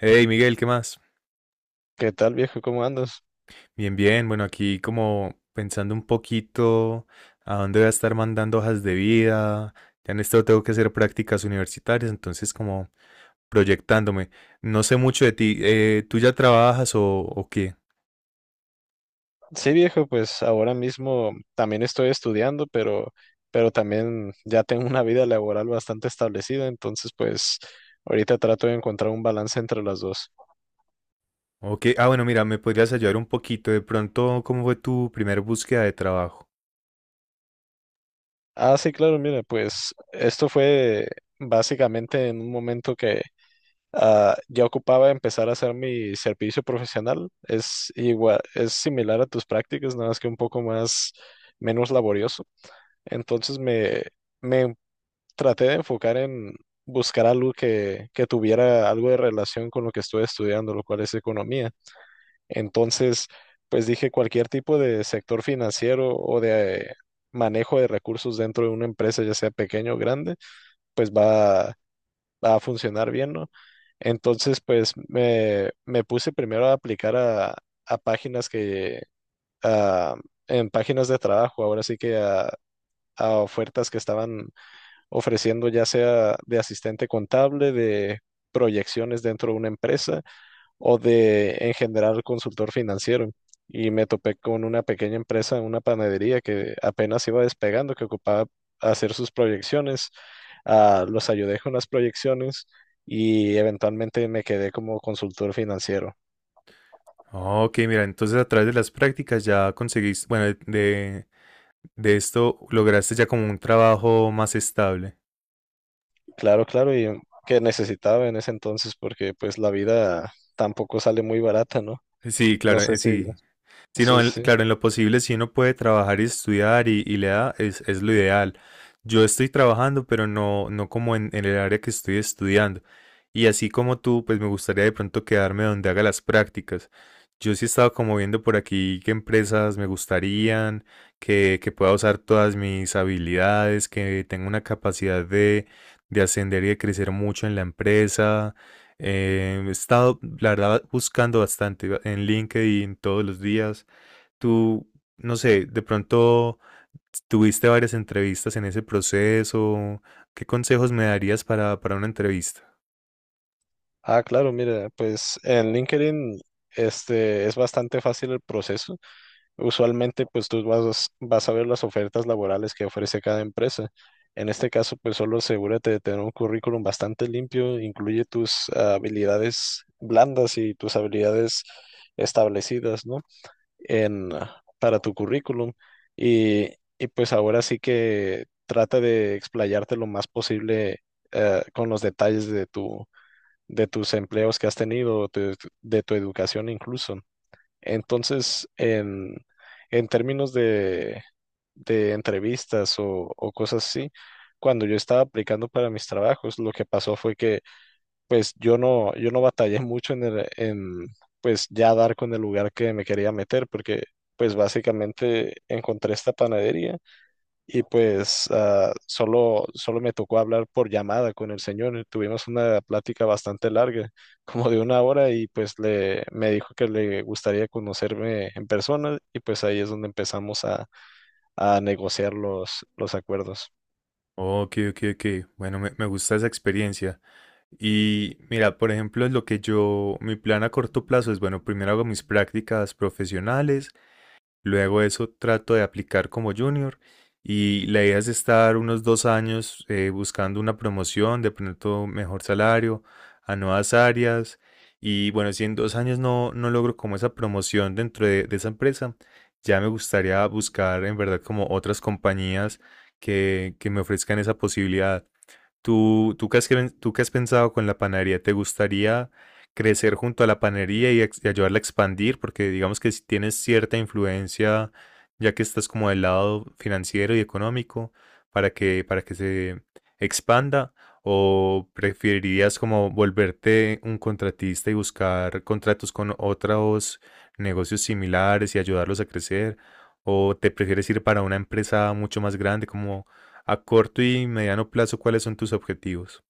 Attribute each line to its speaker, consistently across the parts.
Speaker 1: Hey Miguel, ¿qué más?
Speaker 2: ¿Qué tal, viejo? ¿Cómo andas?
Speaker 1: Bien, bien. Bueno, aquí como pensando un poquito a dónde voy a estar mandando hojas de vida. Ya en esto tengo que hacer prácticas universitarias, entonces como proyectándome. No sé mucho de ti. ¿Tú ya trabajas o qué?
Speaker 2: Sí, viejo, pues ahora mismo también estoy estudiando, pero también ya tengo una vida laboral bastante establecida, entonces pues ahorita trato de encontrar un balance entre las dos.
Speaker 1: ¿O qué? Ah, bueno, mira, me podrías ayudar un poquito. De pronto, ¿cómo fue tu primera búsqueda de trabajo?
Speaker 2: Ah, sí, claro, mira, pues esto fue básicamente en un momento que ya ocupaba empezar a hacer mi servicio profesional. Es igual, es similar a tus prácticas, nada más que un poco más menos laborioso. Entonces me traté de enfocar en buscar algo que tuviera algo de relación con lo que estuve estudiando, lo cual es economía. Entonces, pues dije cualquier tipo de sector financiero o de manejo de recursos dentro de una empresa, ya sea pequeño o grande, pues va a funcionar bien, ¿no? Entonces, pues me puse primero a aplicar a a- en páginas de trabajo, ahora sí que a ofertas que estaban ofreciendo ya sea de asistente contable, de proyecciones dentro de una empresa o de en general consultor financiero. Y me topé con una pequeña empresa, una panadería que apenas iba despegando, que ocupaba hacer sus proyecciones. Ah, los ayudé con las proyecciones y eventualmente me quedé como consultor financiero.
Speaker 1: Ah, ok, mira, entonces a través de las prácticas ya conseguiste, bueno, de esto lograste ya como un trabajo más estable.
Speaker 2: Claro, claro, y que necesitaba en ese entonces porque pues la vida tampoco sale muy barata, ¿no?
Speaker 1: Sí,
Speaker 2: No
Speaker 1: claro,
Speaker 2: sé si,
Speaker 1: sí. Sí, no,
Speaker 2: sí,
Speaker 1: en-
Speaker 2: sí.
Speaker 1: claro, en lo posible, si uno puede trabajar y estudiar y le da, es lo ideal. Yo estoy trabajando, pero no, no como en el área que estoy estudiando. Y así como tú, pues me gustaría de pronto quedarme donde haga las prácticas. Yo sí he estado como viendo por aquí qué empresas me gustarían, que pueda usar todas mis habilidades, que tenga una capacidad de ascender y de crecer mucho en la empresa. He estado, la verdad, buscando bastante en LinkedIn todos los días. Tú, no sé, de pronto tuviste varias entrevistas en ese proceso. ¿Qué consejos me darías para una entrevista?
Speaker 2: Ah, claro, mira, pues en LinkedIn este, es bastante fácil el proceso. Usualmente, pues tú vas, vas a ver las ofertas laborales que ofrece cada empresa. En este caso, pues solo asegúrate de tener un currículum bastante limpio, incluye tus habilidades blandas y tus habilidades establecidas, ¿no? En, para tu currículum. Y, y pues ahora sí que trata de explayarte lo más posible con los detalles de tus empleos que has tenido, de tu educación incluso. Entonces, en términos de entrevistas o cosas así, cuando yo estaba aplicando para mis trabajos, lo que pasó fue que pues yo no batallé mucho en pues ya dar con el lugar que me quería meter, porque pues básicamente encontré esta panadería y pues solo me tocó hablar por llamada con el señor. Tuvimos una plática bastante larga, como de una hora, y pues me dijo que le gustaría conocerme en persona y pues ahí es donde empezamos a negociar los acuerdos.
Speaker 1: Ok, ok, ok. Bueno, me gusta esa experiencia. Y mira, por ejemplo, lo que yo, mi plan a corto plazo es, bueno, primero hago mis prácticas profesionales. Luego eso trato de aplicar como junior y la idea es estar unos 2 años buscando una promoción, de pronto mejor salario, a nuevas áreas. Y bueno, si en 2 años no, no logro como esa promoción dentro de esa empresa, ya me gustaría buscar en verdad como otras compañías que me ofrezcan esa posibilidad. ¿Tú, tú qué has, cre- tú qué has pensado con la panadería? ¿Te gustaría crecer junto a la panadería y, ex- y ayudarla a expandir? Porque digamos que si tienes cierta influencia, ya que estás como del lado financiero y económico, para que se expanda, ¿o preferirías como volverte un contratista y buscar contratos con otros negocios similares y ayudarlos a crecer? ¿O te prefieres ir para una empresa mucho más grande como... A corto y mediano plazo, ¿cuáles son tus objetivos?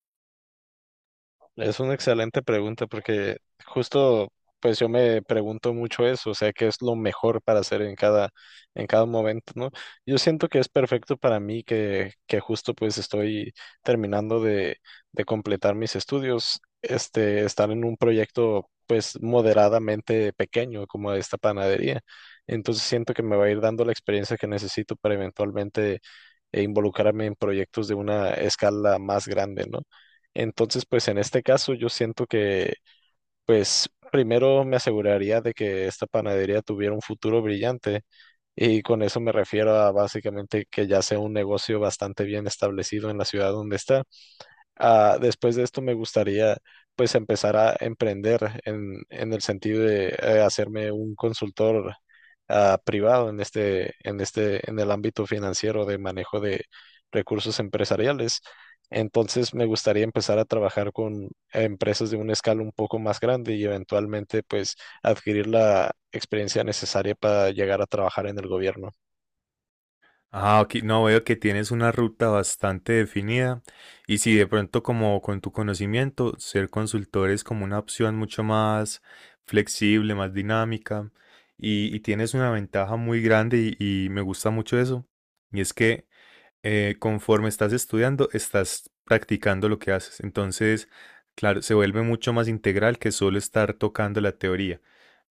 Speaker 2: Es una excelente pregunta porque justo pues yo me pregunto mucho eso, o sea, qué es lo mejor para hacer en cada momento, ¿no? Yo siento que es perfecto para mí que justo pues estoy terminando de completar mis estudios, este estar en un proyecto pues moderadamente pequeño como esta panadería. Entonces siento que me va a ir dando la experiencia que necesito para eventualmente involucrarme en proyectos de una escala más grande, ¿no? Entonces, pues en este caso yo siento que, pues primero me aseguraría de que esta panadería tuviera un futuro brillante y con eso me refiero a básicamente que ya sea un negocio bastante bien establecido en la ciudad donde está. Ah, después de esto me gustaría pues empezar a emprender en el sentido de hacerme un consultor privado en el ámbito financiero de manejo de recursos empresariales. Entonces me gustaría empezar a trabajar con empresas de una escala un poco más grande y eventualmente pues adquirir la experiencia necesaria para llegar a trabajar en el gobierno.
Speaker 1: Ah, ok, no veo que tienes una ruta bastante definida y si de pronto como con tu conocimiento, ser consultor es como una opción mucho más flexible, más dinámica y tienes una ventaja muy grande y me gusta mucho eso. Y es que conforme estás estudiando, estás practicando lo que haces. Entonces, claro, se vuelve mucho más integral que solo estar tocando la teoría.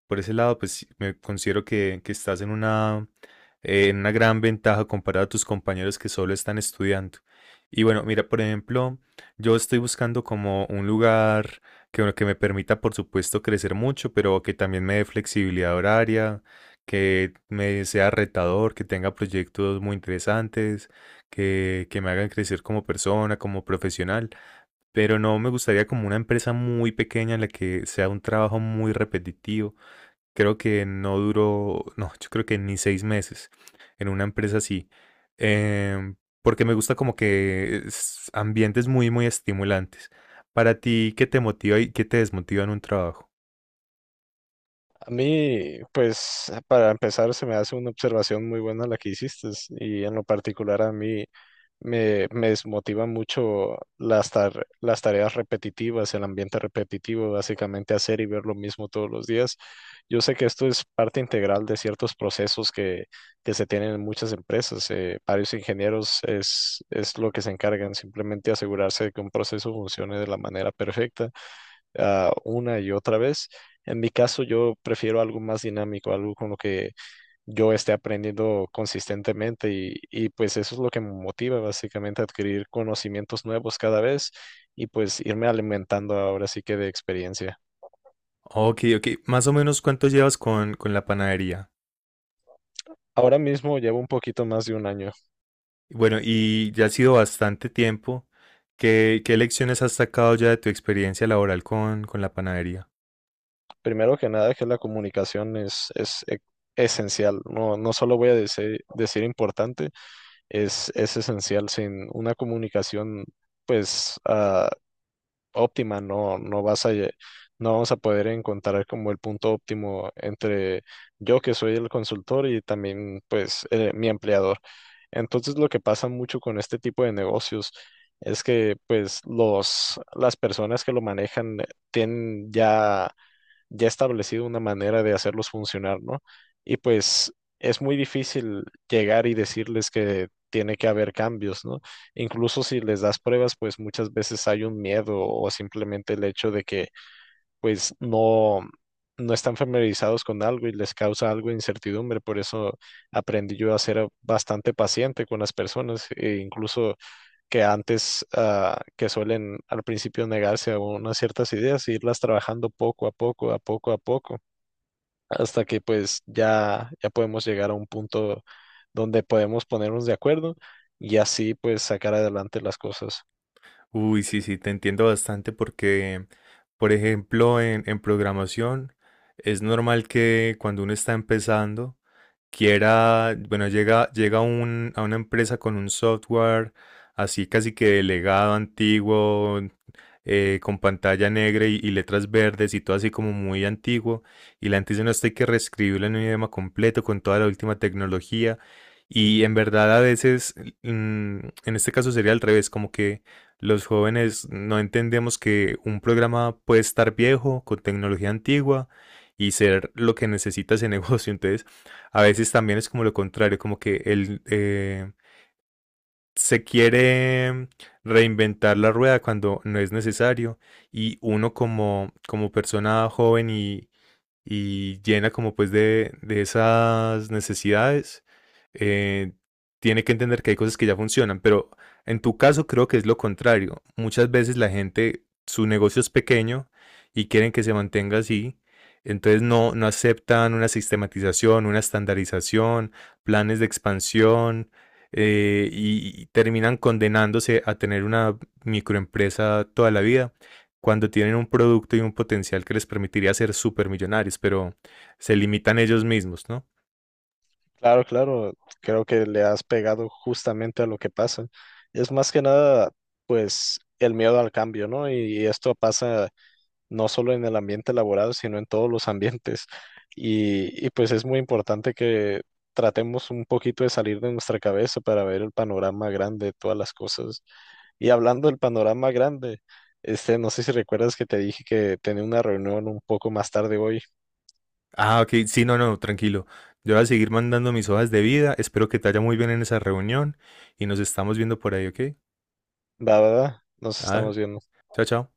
Speaker 1: Por ese lado, pues sí, me considero que estás en una gran ventaja comparado a tus compañeros que solo están estudiando. Y bueno, mira, por ejemplo, yo estoy buscando como un lugar que, bueno, que me permita, por supuesto, crecer mucho, pero que también me dé flexibilidad horaria, que me sea retador, que tenga proyectos muy interesantes, que me hagan crecer como persona, como profesional. Pero no me gustaría como una empresa muy pequeña en la que sea un trabajo muy repetitivo. Creo que no duró, no, yo creo que ni 6 meses en una empresa así, em, porque me gusta como que es ambientes muy, muy estimulantes. Para ti, ¿qué te motiva y qué te desmotiva en un trabajo?
Speaker 2: A mí, pues, para empezar, se me hace una observación muy buena la que hiciste y en lo particular a mí me desmotiva mucho las tareas repetitivas, el ambiente repetitivo, básicamente hacer y ver lo mismo todos los días. Yo sé que esto es parte integral de ciertos procesos que se tienen en muchas empresas. Varios ingenieros es lo que se encargan, simplemente asegurarse de que un proceso funcione de la manera perfecta una y otra vez. En mi caso, yo prefiero algo más dinámico, algo con lo que yo esté aprendiendo consistentemente y pues eso es lo que me motiva básicamente a adquirir conocimientos nuevos cada vez y pues irme alimentando ahora sí que de experiencia.
Speaker 1: Ok, ok. Más o menos cuánto llevas con la panadería.
Speaker 2: Ahora mismo llevo un poquito más de un año.
Speaker 1: Bueno, y ya ha sido bastante tiempo. ¿Qué, qué lecciones has sacado ya de tu experiencia laboral con la panadería?
Speaker 2: Primero que nada, que la comunicación es esencial. No, no solo voy a decir, importante, es esencial. Sin una comunicación, pues, óptima, no vas a, no vamos a poder encontrar como el punto óptimo entre yo que soy el consultor y también pues mi empleador. Entonces lo que pasa mucho con este tipo de negocios es que pues las personas que lo manejan tienen ya establecido una manera de hacerlos funcionar, ¿no? Y pues es muy difícil llegar y decirles que tiene que haber cambios, ¿no? Incluso si les das pruebas, pues muchas veces hay un miedo o simplemente el hecho de que pues no están familiarizados con algo y les causa algo de incertidumbre, por eso aprendí yo a ser bastante paciente con las personas e incluso que antes, que suelen al principio negarse a unas ciertas ideas, e irlas trabajando poco a poco, a poco a poco, hasta que pues ya podemos llegar a un punto donde podemos ponernos de acuerdo y así pues sacar adelante las cosas.
Speaker 1: Uy, sí, sí, te entiendo bastante porque, por ejemplo, en programación es normal que cuando uno está empezando, quiera, bueno, llega, llega a un- a una empresa con un software así casi que delegado, antiguo, con pantalla negra y letras verdes y todo así como muy antiguo. Y la gente dice, no, esto hay que reescribirlo en un idioma completo con toda la última tecnología. Y en verdad a veces, mm, en este caso sería al revés, como que los jóvenes no entendemos que un programa puede estar viejo, con tecnología antigua y ser lo que necesita ese negocio. Entonces, a veces también es como lo contrario, como que él se quiere reinventar la rueda cuando no es necesario y uno como, como persona joven y llena como pues de esas necesidades, eh, tiene que entender que hay cosas que ya funcionan, pero en tu caso creo que es lo contrario. Muchas veces la gente, su negocio es pequeño y quieren que se mantenga así, entonces no, no aceptan una sistematización, una estandarización, planes de expansión y terminan condenándose a tener una microempresa toda la vida cuando tienen un producto y un potencial que les permitiría ser supermillonarios, pero se limitan ellos mismos, ¿no?
Speaker 2: Claro, claro, creo que le has pegado justamente a lo que pasa. Es más que nada pues el miedo al cambio, ¿no? Y esto pasa no solo en el ambiente laboral, sino en todos los ambientes. Y pues es muy importante que tratemos un poquito de salir de nuestra cabeza para ver el panorama grande de todas las cosas. Y hablando del panorama grande, este, no sé si recuerdas que te dije que tenía una reunión un poco más tarde hoy.
Speaker 1: Ah, ok, sí, no, no, tranquilo. Yo voy a seguir mandando mis hojas de vida. Espero que te vaya muy bien en esa reunión y nos estamos viendo por ahí, ¿ok?
Speaker 2: Va, va, va, nos
Speaker 1: Ah,
Speaker 2: estamos viendo.
Speaker 1: chao, chao.